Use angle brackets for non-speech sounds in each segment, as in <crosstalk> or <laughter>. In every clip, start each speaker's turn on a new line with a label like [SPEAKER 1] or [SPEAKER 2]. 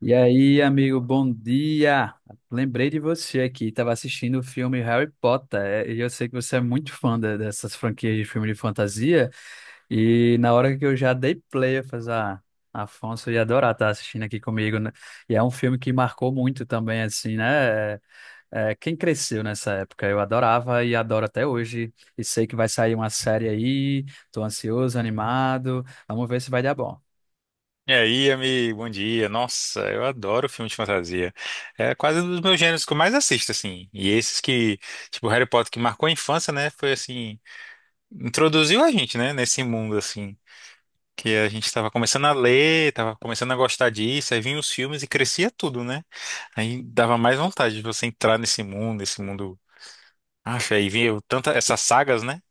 [SPEAKER 1] E aí, amigo, bom dia! Lembrei de você aqui, estava assistindo o filme Harry Potter, e eu sei que você é muito fã dessas franquias de filme de fantasia, e na hora que eu já dei play, eu falei, ah, Afonso ia adorar estar assistindo aqui comigo, né? E é um filme que marcou muito também, assim, né? Quem cresceu nessa época, eu adorava e adoro até hoje, e sei que vai sair uma série aí, tô ansioso, animado, vamos ver se vai dar bom.
[SPEAKER 2] E aí, amigo, bom dia. Nossa, eu adoro filme de fantasia. É quase um dos meus gêneros que eu mais assisto, assim. E esses que, Harry Potter, que marcou a infância, né? Foi assim, introduziu a gente, né? Nesse mundo, assim. Que a gente tava começando a ler, tava começando a gostar disso, aí vinham os filmes e crescia tudo, né? Aí dava mais vontade de você entrar nesse mundo. Acha, aí vinha tanta, essas sagas, né?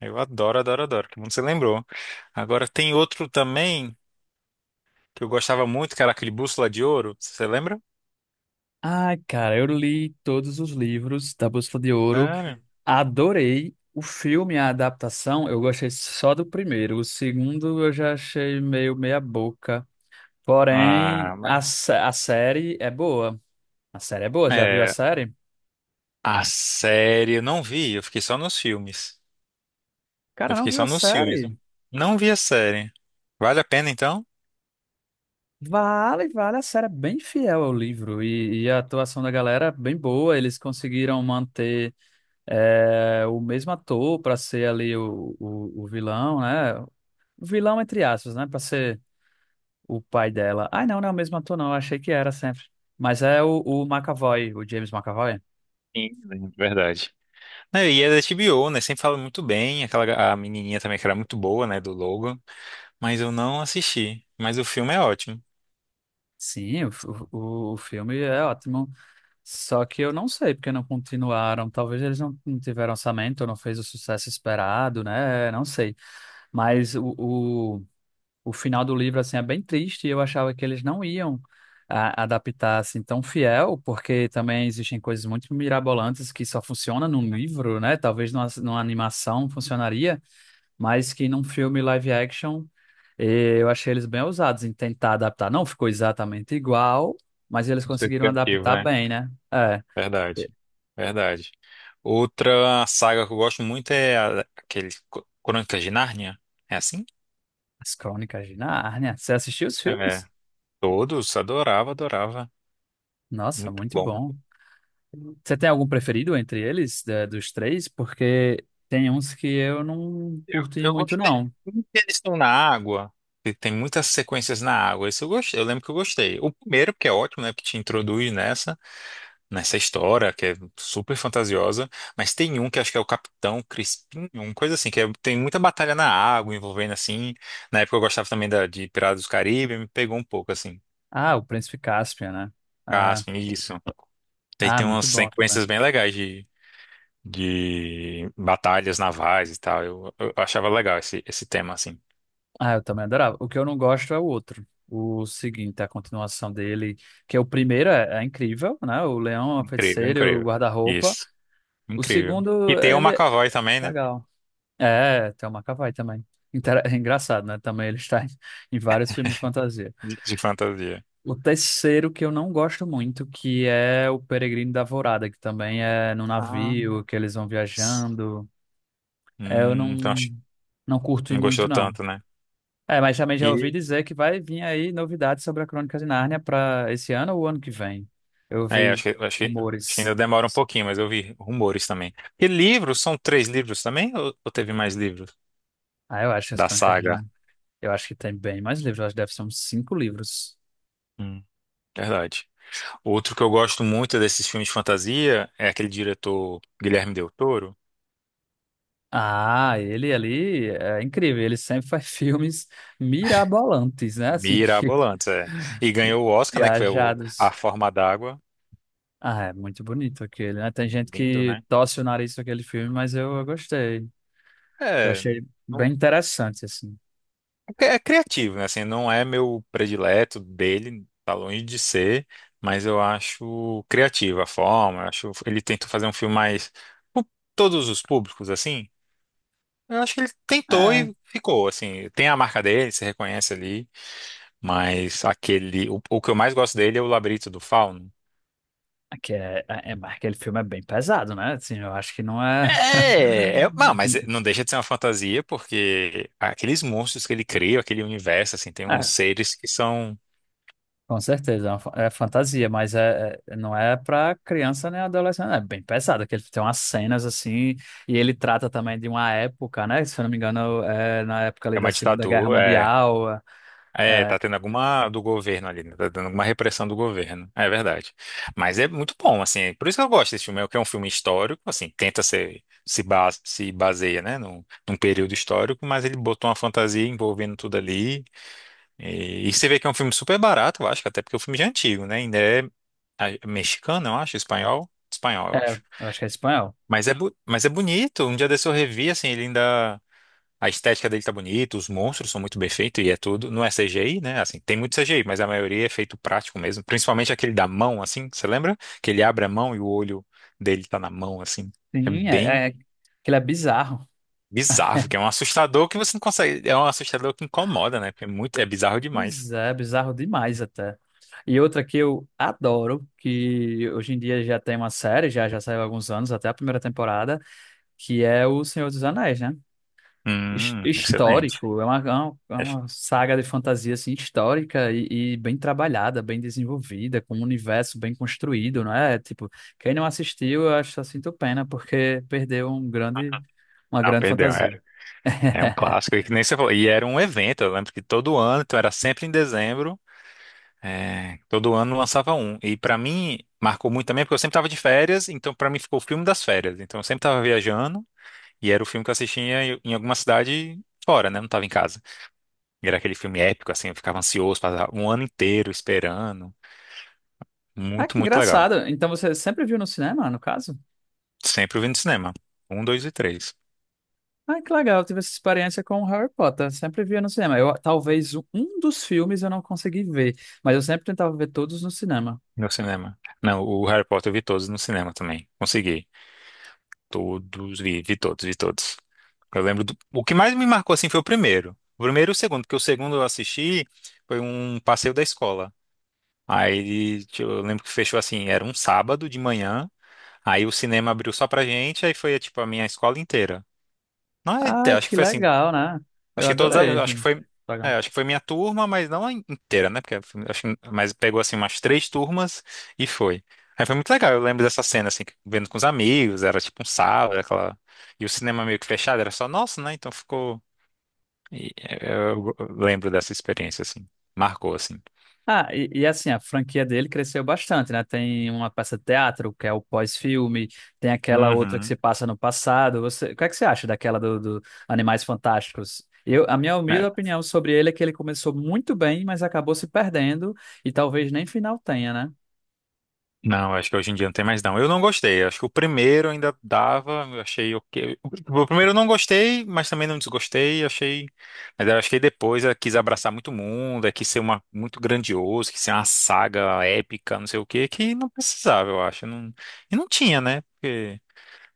[SPEAKER 2] Eu adoro, adoro, adoro. Que mundo você lembrou. Agora tem outro também, que eu gostava muito, que era aquele Bússola de Ouro, você lembra?
[SPEAKER 1] Ai, cara, eu li todos os livros da Bússola de Ouro,
[SPEAKER 2] Sério?
[SPEAKER 1] adorei o filme, a adaptação, eu gostei só do primeiro, o segundo eu já achei meio meia boca, porém
[SPEAKER 2] Ah, mas...
[SPEAKER 1] a série é boa, já viu a
[SPEAKER 2] É,
[SPEAKER 1] série?
[SPEAKER 2] a série eu não vi, eu fiquei só nos filmes.
[SPEAKER 1] Cara,
[SPEAKER 2] Eu
[SPEAKER 1] não
[SPEAKER 2] fiquei
[SPEAKER 1] viu
[SPEAKER 2] só
[SPEAKER 1] a
[SPEAKER 2] nos filmes, né?
[SPEAKER 1] série?
[SPEAKER 2] Não vi a série. Vale a pena então?
[SPEAKER 1] Vale, vale, a série é bem fiel ao livro e a atuação da galera é bem boa, eles conseguiram manter o mesmo ator para ser ali o vilão, né? Vilão entre aspas, né? Pra ser o pai dela. Ai, não, não é o mesmo ator, não. Eu achei que era sempre. Mas é o McAvoy, o James McAvoy.
[SPEAKER 2] Sim, de verdade. Né, e é da HBO, né? Sempre fala muito bem. A menininha também que era muito boa, né? Do Logan. Mas eu não assisti. Mas o filme é ótimo.
[SPEAKER 1] Sim, o filme é ótimo. Só que eu não sei porque não continuaram. Talvez eles não, não tiveram orçamento, não fez o sucesso esperado, né? Não sei. Mas o final do livro assim é bem triste e eu achava que eles não iam adaptar assim tão fiel, porque também existem coisas muito mirabolantes que só funciona num livro, né? Talvez numa animação funcionaria, mas que num filme live action eu achei eles bem ousados em tentar adaptar. Não ficou exatamente igual, mas eles
[SPEAKER 2] Isso
[SPEAKER 1] conseguiram
[SPEAKER 2] aqui é
[SPEAKER 1] adaptar bem, né? É. eh,
[SPEAKER 2] verdade, verdade. Outra saga que eu gosto muito é aquele Crônicas de Nárnia. É assim?
[SPEAKER 1] As Crônicas de Nárnia. Você assistiu os
[SPEAKER 2] É.
[SPEAKER 1] filmes?
[SPEAKER 2] Todos, adorava, adorava.
[SPEAKER 1] Nossa,
[SPEAKER 2] Muito
[SPEAKER 1] muito
[SPEAKER 2] bom.
[SPEAKER 1] bom. Você tem algum preferido entre eles, dos três? Porque tem uns que eu não
[SPEAKER 2] Eu,
[SPEAKER 1] curti
[SPEAKER 2] eu
[SPEAKER 1] muito,
[SPEAKER 2] gostei
[SPEAKER 1] não.
[SPEAKER 2] muito que eles estão na água, e tem muitas sequências na água. Isso eu gostei. Eu lembro que eu gostei. O primeiro, porque é ótimo, né? Que te introduz nessa, nessa história, que é super fantasiosa, mas tem um que acho que é o Capitão Crispim, uma coisa assim, que tem muita batalha na água envolvendo assim. Na época eu gostava também de Piratas do Caribe, me pegou um pouco assim.
[SPEAKER 1] Ah, o Príncipe Caspian, né? Ah,
[SPEAKER 2] Caspian, isso. Daí
[SPEAKER 1] ah,
[SPEAKER 2] tem umas
[SPEAKER 1] muito bom também.
[SPEAKER 2] sequências bem legais de batalhas navais e tal. Eu achava legal esse tema, assim.
[SPEAKER 1] Ah, eu também adorava. O que eu não gosto é o outro. O seguinte, a continuação dele, que é o primeiro é incrível, né? O Leão, a
[SPEAKER 2] Incrível,
[SPEAKER 1] Feiticeira, e o
[SPEAKER 2] incrível.
[SPEAKER 1] Guarda-Roupa.
[SPEAKER 2] Isso,
[SPEAKER 1] O
[SPEAKER 2] incrível. E
[SPEAKER 1] segundo,
[SPEAKER 2] tem o
[SPEAKER 1] ele é
[SPEAKER 2] McAvoy também, né?
[SPEAKER 1] legal. É, tem o McAvoy também. <laughs> É engraçado, né? Também ele está em vários filmes de fantasia.
[SPEAKER 2] De fantasia.
[SPEAKER 1] O terceiro que eu não gosto muito, que é o Peregrino da Alvorada, que também é no
[SPEAKER 2] Ah.
[SPEAKER 1] navio, que eles vão viajando. Eu
[SPEAKER 2] Então acho
[SPEAKER 1] não,
[SPEAKER 2] que
[SPEAKER 1] não curto
[SPEAKER 2] não
[SPEAKER 1] muito,
[SPEAKER 2] gostou
[SPEAKER 1] não.
[SPEAKER 2] tanto, né?
[SPEAKER 1] É, mas também já ouvi dizer que vai vir aí novidades sobre a Crônica de Nárnia para esse ano ou ano que vem. Eu
[SPEAKER 2] É,
[SPEAKER 1] ouvi
[SPEAKER 2] acho que ainda
[SPEAKER 1] rumores.
[SPEAKER 2] demora um pouquinho, mas eu vi rumores também. E livros? São três livros também? Ou teve mais livros
[SPEAKER 1] Ah, eu acho que as
[SPEAKER 2] da
[SPEAKER 1] Crônicas de
[SPEAKER 2] saga?
[SPEAKER 1] Nárnia. Eu acho que tem bem mais livros, eu acho que deve ser uns cinco livros.
[SPEAKER 2] Hum, verdade. Outro que eu gosto muito desses filmes de fantasia é aquele diretor Guilherme Del Toro.
[SPEAKER 1] Ah, ele ali é incrível, ele sempre faz <laughs> filmes mirabolantes, né? Assim, que
[SPEAKER 2] Mirabolantes, é. E ganhou o Oscar, né? Que foi o A
[SPEAKER 1] Viajados.
[SPEAKER 2] Forma d'Água.
[SPEAKER 1] Ah, é muito bonito aquele, né? Tem gente
[SPEAKER 2] Lindo,
[SPEAKER 1] que
[SPEAKER 2] né?
[SPEAKER 1] torce o nariz com aquele filme, mas eu gostei. Eu
[SPEAKER 2] É.
[SPEAKER 1] achei bem interessante, assim.
[SPEAKER 2] É é criativo, né? Assim, não é meu predileto dele, tá longe de ser, mas eu acho criativa a forma. Eu acho ele tentou fazer um filme mais pro todos os públicos, assim. Eu acho que ele tentou
[SPEAKER 1] É,
[SPEAKER 2] e ficou, assim. Tem a marca dele, se reconhece ali, mas aquele, o que eu mais gosto dele é o Labirinto do Fauno.
[SPEAKER 1] aqui mas aquele filme é bem pesado, né? Assim, eu acho que não
[SPEAKER 2] É,
[SPEAKER 1] é.
[SPEAKER 2] não, mas não
[SPEAKER 1] <laughs>
[SPEAKER 2] deixa de ser uma fantasia, porque aqueles monstros que ele cria, aquele universo, assim, tem uns
[SPEAKER 1] É,
[SPEAKER 2] seres que são,
[SPEAKER 1] com certeza, é, uma é fantasia, mas não é pra criança nem adolescente. É bem pesado, aquele tem umas cenas assim, e ele trata também de uma época, né? Se eu não me engano, é na época ali
[SPEAKER 2] é
[SPEAKER 1] da
[SPEAKER 2] uma
[SPEAKER 1] Segunda Guerra
[SPEAKER 2] ditadura, é.
[SPEAKER 1] Mundial.
[SPEAKER 2] É,
[SPEAKER 1] é,
[SPEAKER 2] tá tendo alguma do governo ali, né? Tá dando alguma repressão do governo. É verdade. Mas é muito bom, assim. Por isso que eu gosto desse filme, é que é um filme histórico, assim, tenta ser, se se baseia, né, num período histórico, mas ele botou uma fantasia envolvendo tudo ali. E você vê que é um filme super barato, eu acho, que até porque o filme já é antigo, né? Ainda é mexicano, eu acho, espanhol. Espanhol, eu
[SPEAKER 1] É,
[SPEAKER 2] acho.
[SPEAKER 1] eu acho que é espanhol.
[SPEAKER 2] Mas é bonito. Um dia desse eu revi, assim, ele ainda. A estética dele tá bonita, os monstros são muito bem feitos e é tudo. Não é CGI, né? Assim, tem muito CGI, mas a maioria é feito prático mesmo. Principalmente aquele da mão, assim, você lembra? Que ele abre a mão e o olho dele tá na mão, assim. É
[SPEAKER 1] Sim,
[SPEAKER 2] bem
[SPEAKER 1] aquilo é bizarro.
[SPEAKER 2] bizarro, que é um assustador que você não consegue. É um assustador que incomoda, né? Porque é muito, é bizarro demais.
[SPEAKER 1] Pois é, bizarro demais até. E outra que eu adoro, que hoje em dia já tem uma série, já saiu há alguns anos, até a primeira temporada, que é O Senhor dos Anéis, né?
[SPEAKER 2] Excelente.
[SPEAKER 1] Histórico, é
[SPEAKER 2] É-
[SPEAKER 1] uma saga de fantasia assim, histórica e bem trabalhada, bem desenvolvida, com um universo bem construído, não é? Tipo, quem não assistiu, eu acho só sinto pena, porque perdeu um grande, uma
[SPEAKER 2] não,
[SPEAKER 1] grande
[SPEAKER 2] perdeu,
[SPEAKER 1] fantasia.
[SPEAKER 2] era. É um clássico, e que nem você falou. E era um evento, eu lembro que todo ano, então era sempre em dezembro. É, todo ano lançava um. E pra mim marcou muito também porque eu sempre tava de férias, então pra mim ficou o filme das férias. Então eu sempre tava viajando e era o filme que eu assistia em alguma cidade fora, né? Não tava em casa. E era aquele filme épico assim, eu ficava ansioso, passava um ano inteiro esperando.
[SPEAKER 1] Ah,
[SPEAKER 2] Muito,
[SPEAKER 1] que
[SPEAKER 2] muito legal.
[SPEAKER 1] engraçado. Então você sempre viu no cinema, no caso?
[SPEAKER 2] Sempre eu vi no cinema. Um, dois e três
[SPEAKER 1] Ah, que legal, eu tive essa experiência com o Harry Potter. Sempre via no cinema. Eu, talvez um dos filmes eu não consegui ver, mas eu sempre tentava ver todos no cinema.
[SPEAKER 2] no cinema. Não, o Harry Potter eu vi todos no cinema também. Consegui. Todos, vi todos. Eu lembro do... O que mais me marcou, assim, foi o primeiro. O primeiro e o segundo, porque o segundo eu assisti foi um passeio da escola. Aí, tipo, eu lembro que fechou assim, era um sábado de manhã, aí o cinema abriu só pra gente, aí foi, tipo, a minha escola inteira. Não, é,
[SPEAKER 1] Ah,
[SPEAKER 2] acho que
[SPEAKER 1] que
[SPEAKER 2] foi assim,
[SPEAKER 1] legal, né?
[SPEAKER 2] Acho
[SPEAKER 1] Eu
[SPEAKER 2] que todas,
[SPEAKER 1] adorei esse
[SPEAKER 2] acho que foi, é,
[SPEAKER 1] programa.
[SPEAKER 2] acho que foi minha turma, mas não a inteira, né? Porque acho que, mas pegou assim umas três turmas e foi. Aí foi muito legal, eu lembro dessa cena assim, vendo com os amigos, era tipo um sábado, aquela e o cinema meio que fechado, era só nosso, né? Então ficou eu lembro dessa experiência assim, marcou assim.
[SPEAKER 1] Ah, e assim, a franquia dele cresceu bastante, né? Tem uma peça de teatro, que é o pós-filme, tem aquela outra que se
[SPEAKER 2] Uhum.
[SPEAKER 1] passa no passado. Você, o que é que você acha daquela do Animais Fantásticos? Eu, a minha humilde opinião sobre ele é que ele começou muito bem, mas acabou se perdendo e talvez nem final tenha, né?
[SPEAKER 2] Não, acho que hoje em dia não tem mais não. Eu não gostei. Acho que o primeiro ainda dava, eu achei ok. O primeiro eu não gostei, mas também não desgostei, achei. Mas eu acho que depois ela quis abraçar muito mundo, é, quis ser uma muito grandioso, quis ser uma saga épica, não sei o quê, que não precisava, eu acho. Não... E não tinha, né? Porque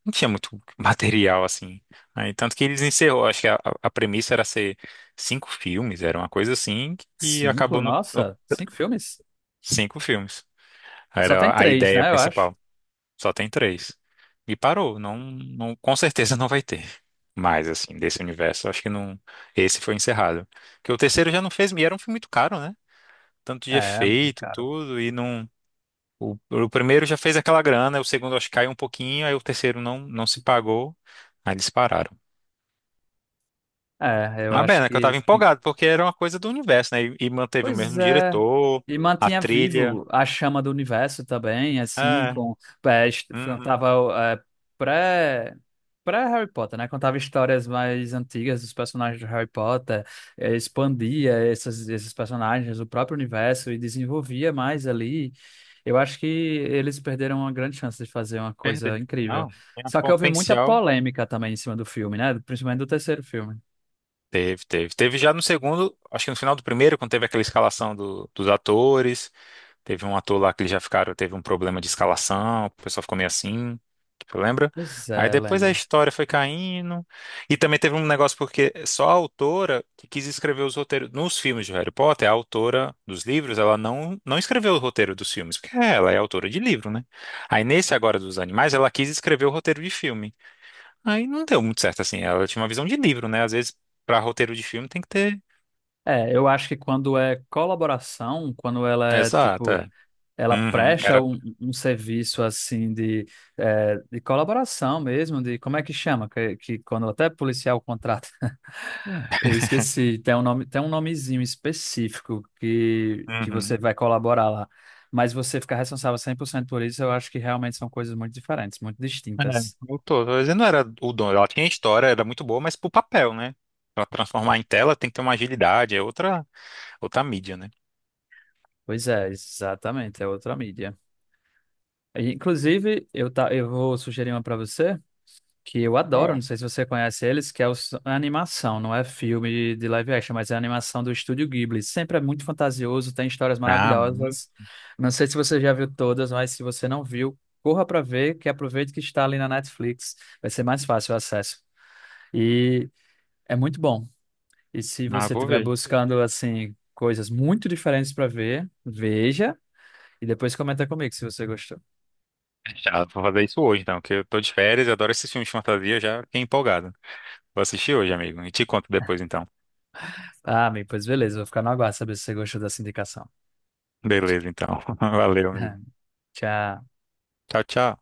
[SPEAKER 2] não tinha muito <laughs> material assim. Aí, tanto que eles encerrou, acho que a premissa era ser cinco filmes, era uma coisa assim, e
[SPEAKER 1] Cinco?
[SPEAKER 2] acabou no
[SPEAKER 1] Nossa, cinco filmes?
[SPEAKER 2] cinco filmes.
[SPEAKER 1] Só tem
[SPEAKER 2] Era a
[SPEAKER 1] três,
[SPEAKER 2] ideia
[SPEAKER 1] né? Eu acho.
[SPEAKER 2] principal. Só tem três. E parou. Não, não, com certeza não vai ter mais assim, desse universo, acho que não. Esse foi encerrado. Porque o terceiro já não fez. E era um filme muito caro, né? Tanto de
[SPEAKER 1] É,
[SPEAKER 2] efeito,
[SPEAKER 1] caro.
[SPEAKER 2] tudo. E não. O primeiro já fez aquela grana. O segundo, acho que caiu um pouquinho. Aí o terceiro não, não se pagou. Aí eles pararam.
[SPEAKER 1] É, eu
[SPEAKER 2] Mas bem,
[SPEAKER 1] acho
[SPEAKER 2] né, que eu tava
[SPEAKER 1] que.
[SPEAKER 2] empolgado, porque era uma coisa do universo, né? E manteve o
[SPEAKER 1] Pois
[SPEAKER 2] mesmo
[SPEAKER 1] é.
[SPEAKER 2] diretor,
[SPEAKER 1] E
[SPEAKER 2] a
[SPEAKER 1] mantinha
[SPEAKER 2] trilha.
[SPEAKER 1] vivo a chama do universo também, assim,
[SPEAKER 2] É.
[SPEAKER 1] com.
[SPEAKER 2] Uhum.
[SPEAKER 1] Tava, é, pré. Pré-Harry Potter, né? Contava histórias mais antigas dos personagens de Harry Potter, expandia essas, esses personagens, o próprio universo e desenvolvia mais ali. Eu acho que eles perderam uma grande chance de fazer uma
[SPEAKER 2] Perdeu.
[SPEAKER 1] coisa incrível.
[SPEAKER 2] Não, tinha
[SPEAKER 1] Só que houve muita
[SPEAKER 2] potencial.
[SPEAKER 1] polêmica também em cima do filme, né? Principalmente do terceiro filme.
[SPEAKER 2] Teve, teve. Teve já no segundo, acho que no final do primeiro, quando teve aquela escalação dos atores. Teve um ator lá que eles já ficaram, teve um problema de escalação, o pessoal ficou meio assim, tu lembra?
[SPEAKER 1] Pois
[SPEAKER 2] Aí
[SPEAKER 1] é,
[SPEAKER 2] depois a
[SPEAKER 1] lembro.
[SPEAKER 2] história foi caindo. E também teve um negócio porque só a autora que quis escrever os roteiros nos filmes de Harry Potter, a autora dos livros, ela não escreveu o roteiro dos filmes, porque ela é autora de livro, né? Aí nesse agora dos animais, ela quis escrever o roteiro de filme. Aí não deu muito certo, assim. Ela tinha uma visão de livro, né? Às vezes, pra roteiro de filme tem que ter.
[SPEAKER 1] É, eu acho que quando é colaboração, quando ela é
[SPEAKER 2] Exato,
[SPEAKER 1] tipo,
[SPEAKER 2] é.
[SPEAKER 1] ela
[SPEAKER 2] Uhum.
[SPEAKER 1] presta
[SPEAKER 2] Era.
[SPEAKER 1] um serviço assim de, de colaboração mesmo, de como é que chama? Que quando até policial contrata. <laughs> Eu esqueci, tem um nome, tem um nomezinho específico que
[SPEAKER 2] Uhum.
[SPEAKER 1] você vai colaborar lá. Mas você ficar responsável 100% por cento por isso, eu acho que realmente são coisas muito diferentes, muito
[SPEAKER 2] É,
[SPEAKER 1] distintas.
[SPEAKER 2] tô dizendo, não era o dono. Ela tinha história, era muito boa, mas pro papel, né? Pra transformar em tela tem que ter uma agilidade, é outra mídia, né?
[SPEAKER 1] Pois é, exatamente, é outra mídia. E, inclusive, eu, tá, eu vou sugerir uma para você. Que eu adoro,
[SPEAKER 2] Ó.
[SPEAKER 1] não sei se você conhece eles, que é a animação, não é filme de live action, mas é a animação do Estúdio Ghibli. Sempre é muito fantasioso, tem histórias
[SPEAKER 2] Ah, muito.
[SPEAKER 1] maravilhosas. Não sei se você já viu todas, mas se você não viu, corra para ver, que aproveite que está ali na Netflix, vai ser mais fácil o acesso. E é muito bom. E se
[SPEAKER 2] Ah,
[SPEAKER 1] você
[SPEAKER 2] vou
[SPEAKER 1] estiver
[SPEAKER 2] ver.
[SPEAKER 1] buscando assim coisas muito diferentes para ver, veja e depois comenta comigo se você gostou.
[SPEAKER 2] Já vou fazer isso hoje, então, que eu tô de férias, eu adoro esses filmes de fantasia, já fiquei empolgado. Vou assistir hoje, amigo. E te conto depois, então.
[SPEAKER 1] Ah, amigo, pois beleza, vou ficar no aguardo saber se você gostou dessa indicação.
[SPEAKER 2] Beleza, então. <laughs> Valeu, amigo.
[SPEAKER 1] <laughs> Tchau.
[SPEAKER 2] Tchau, tchau.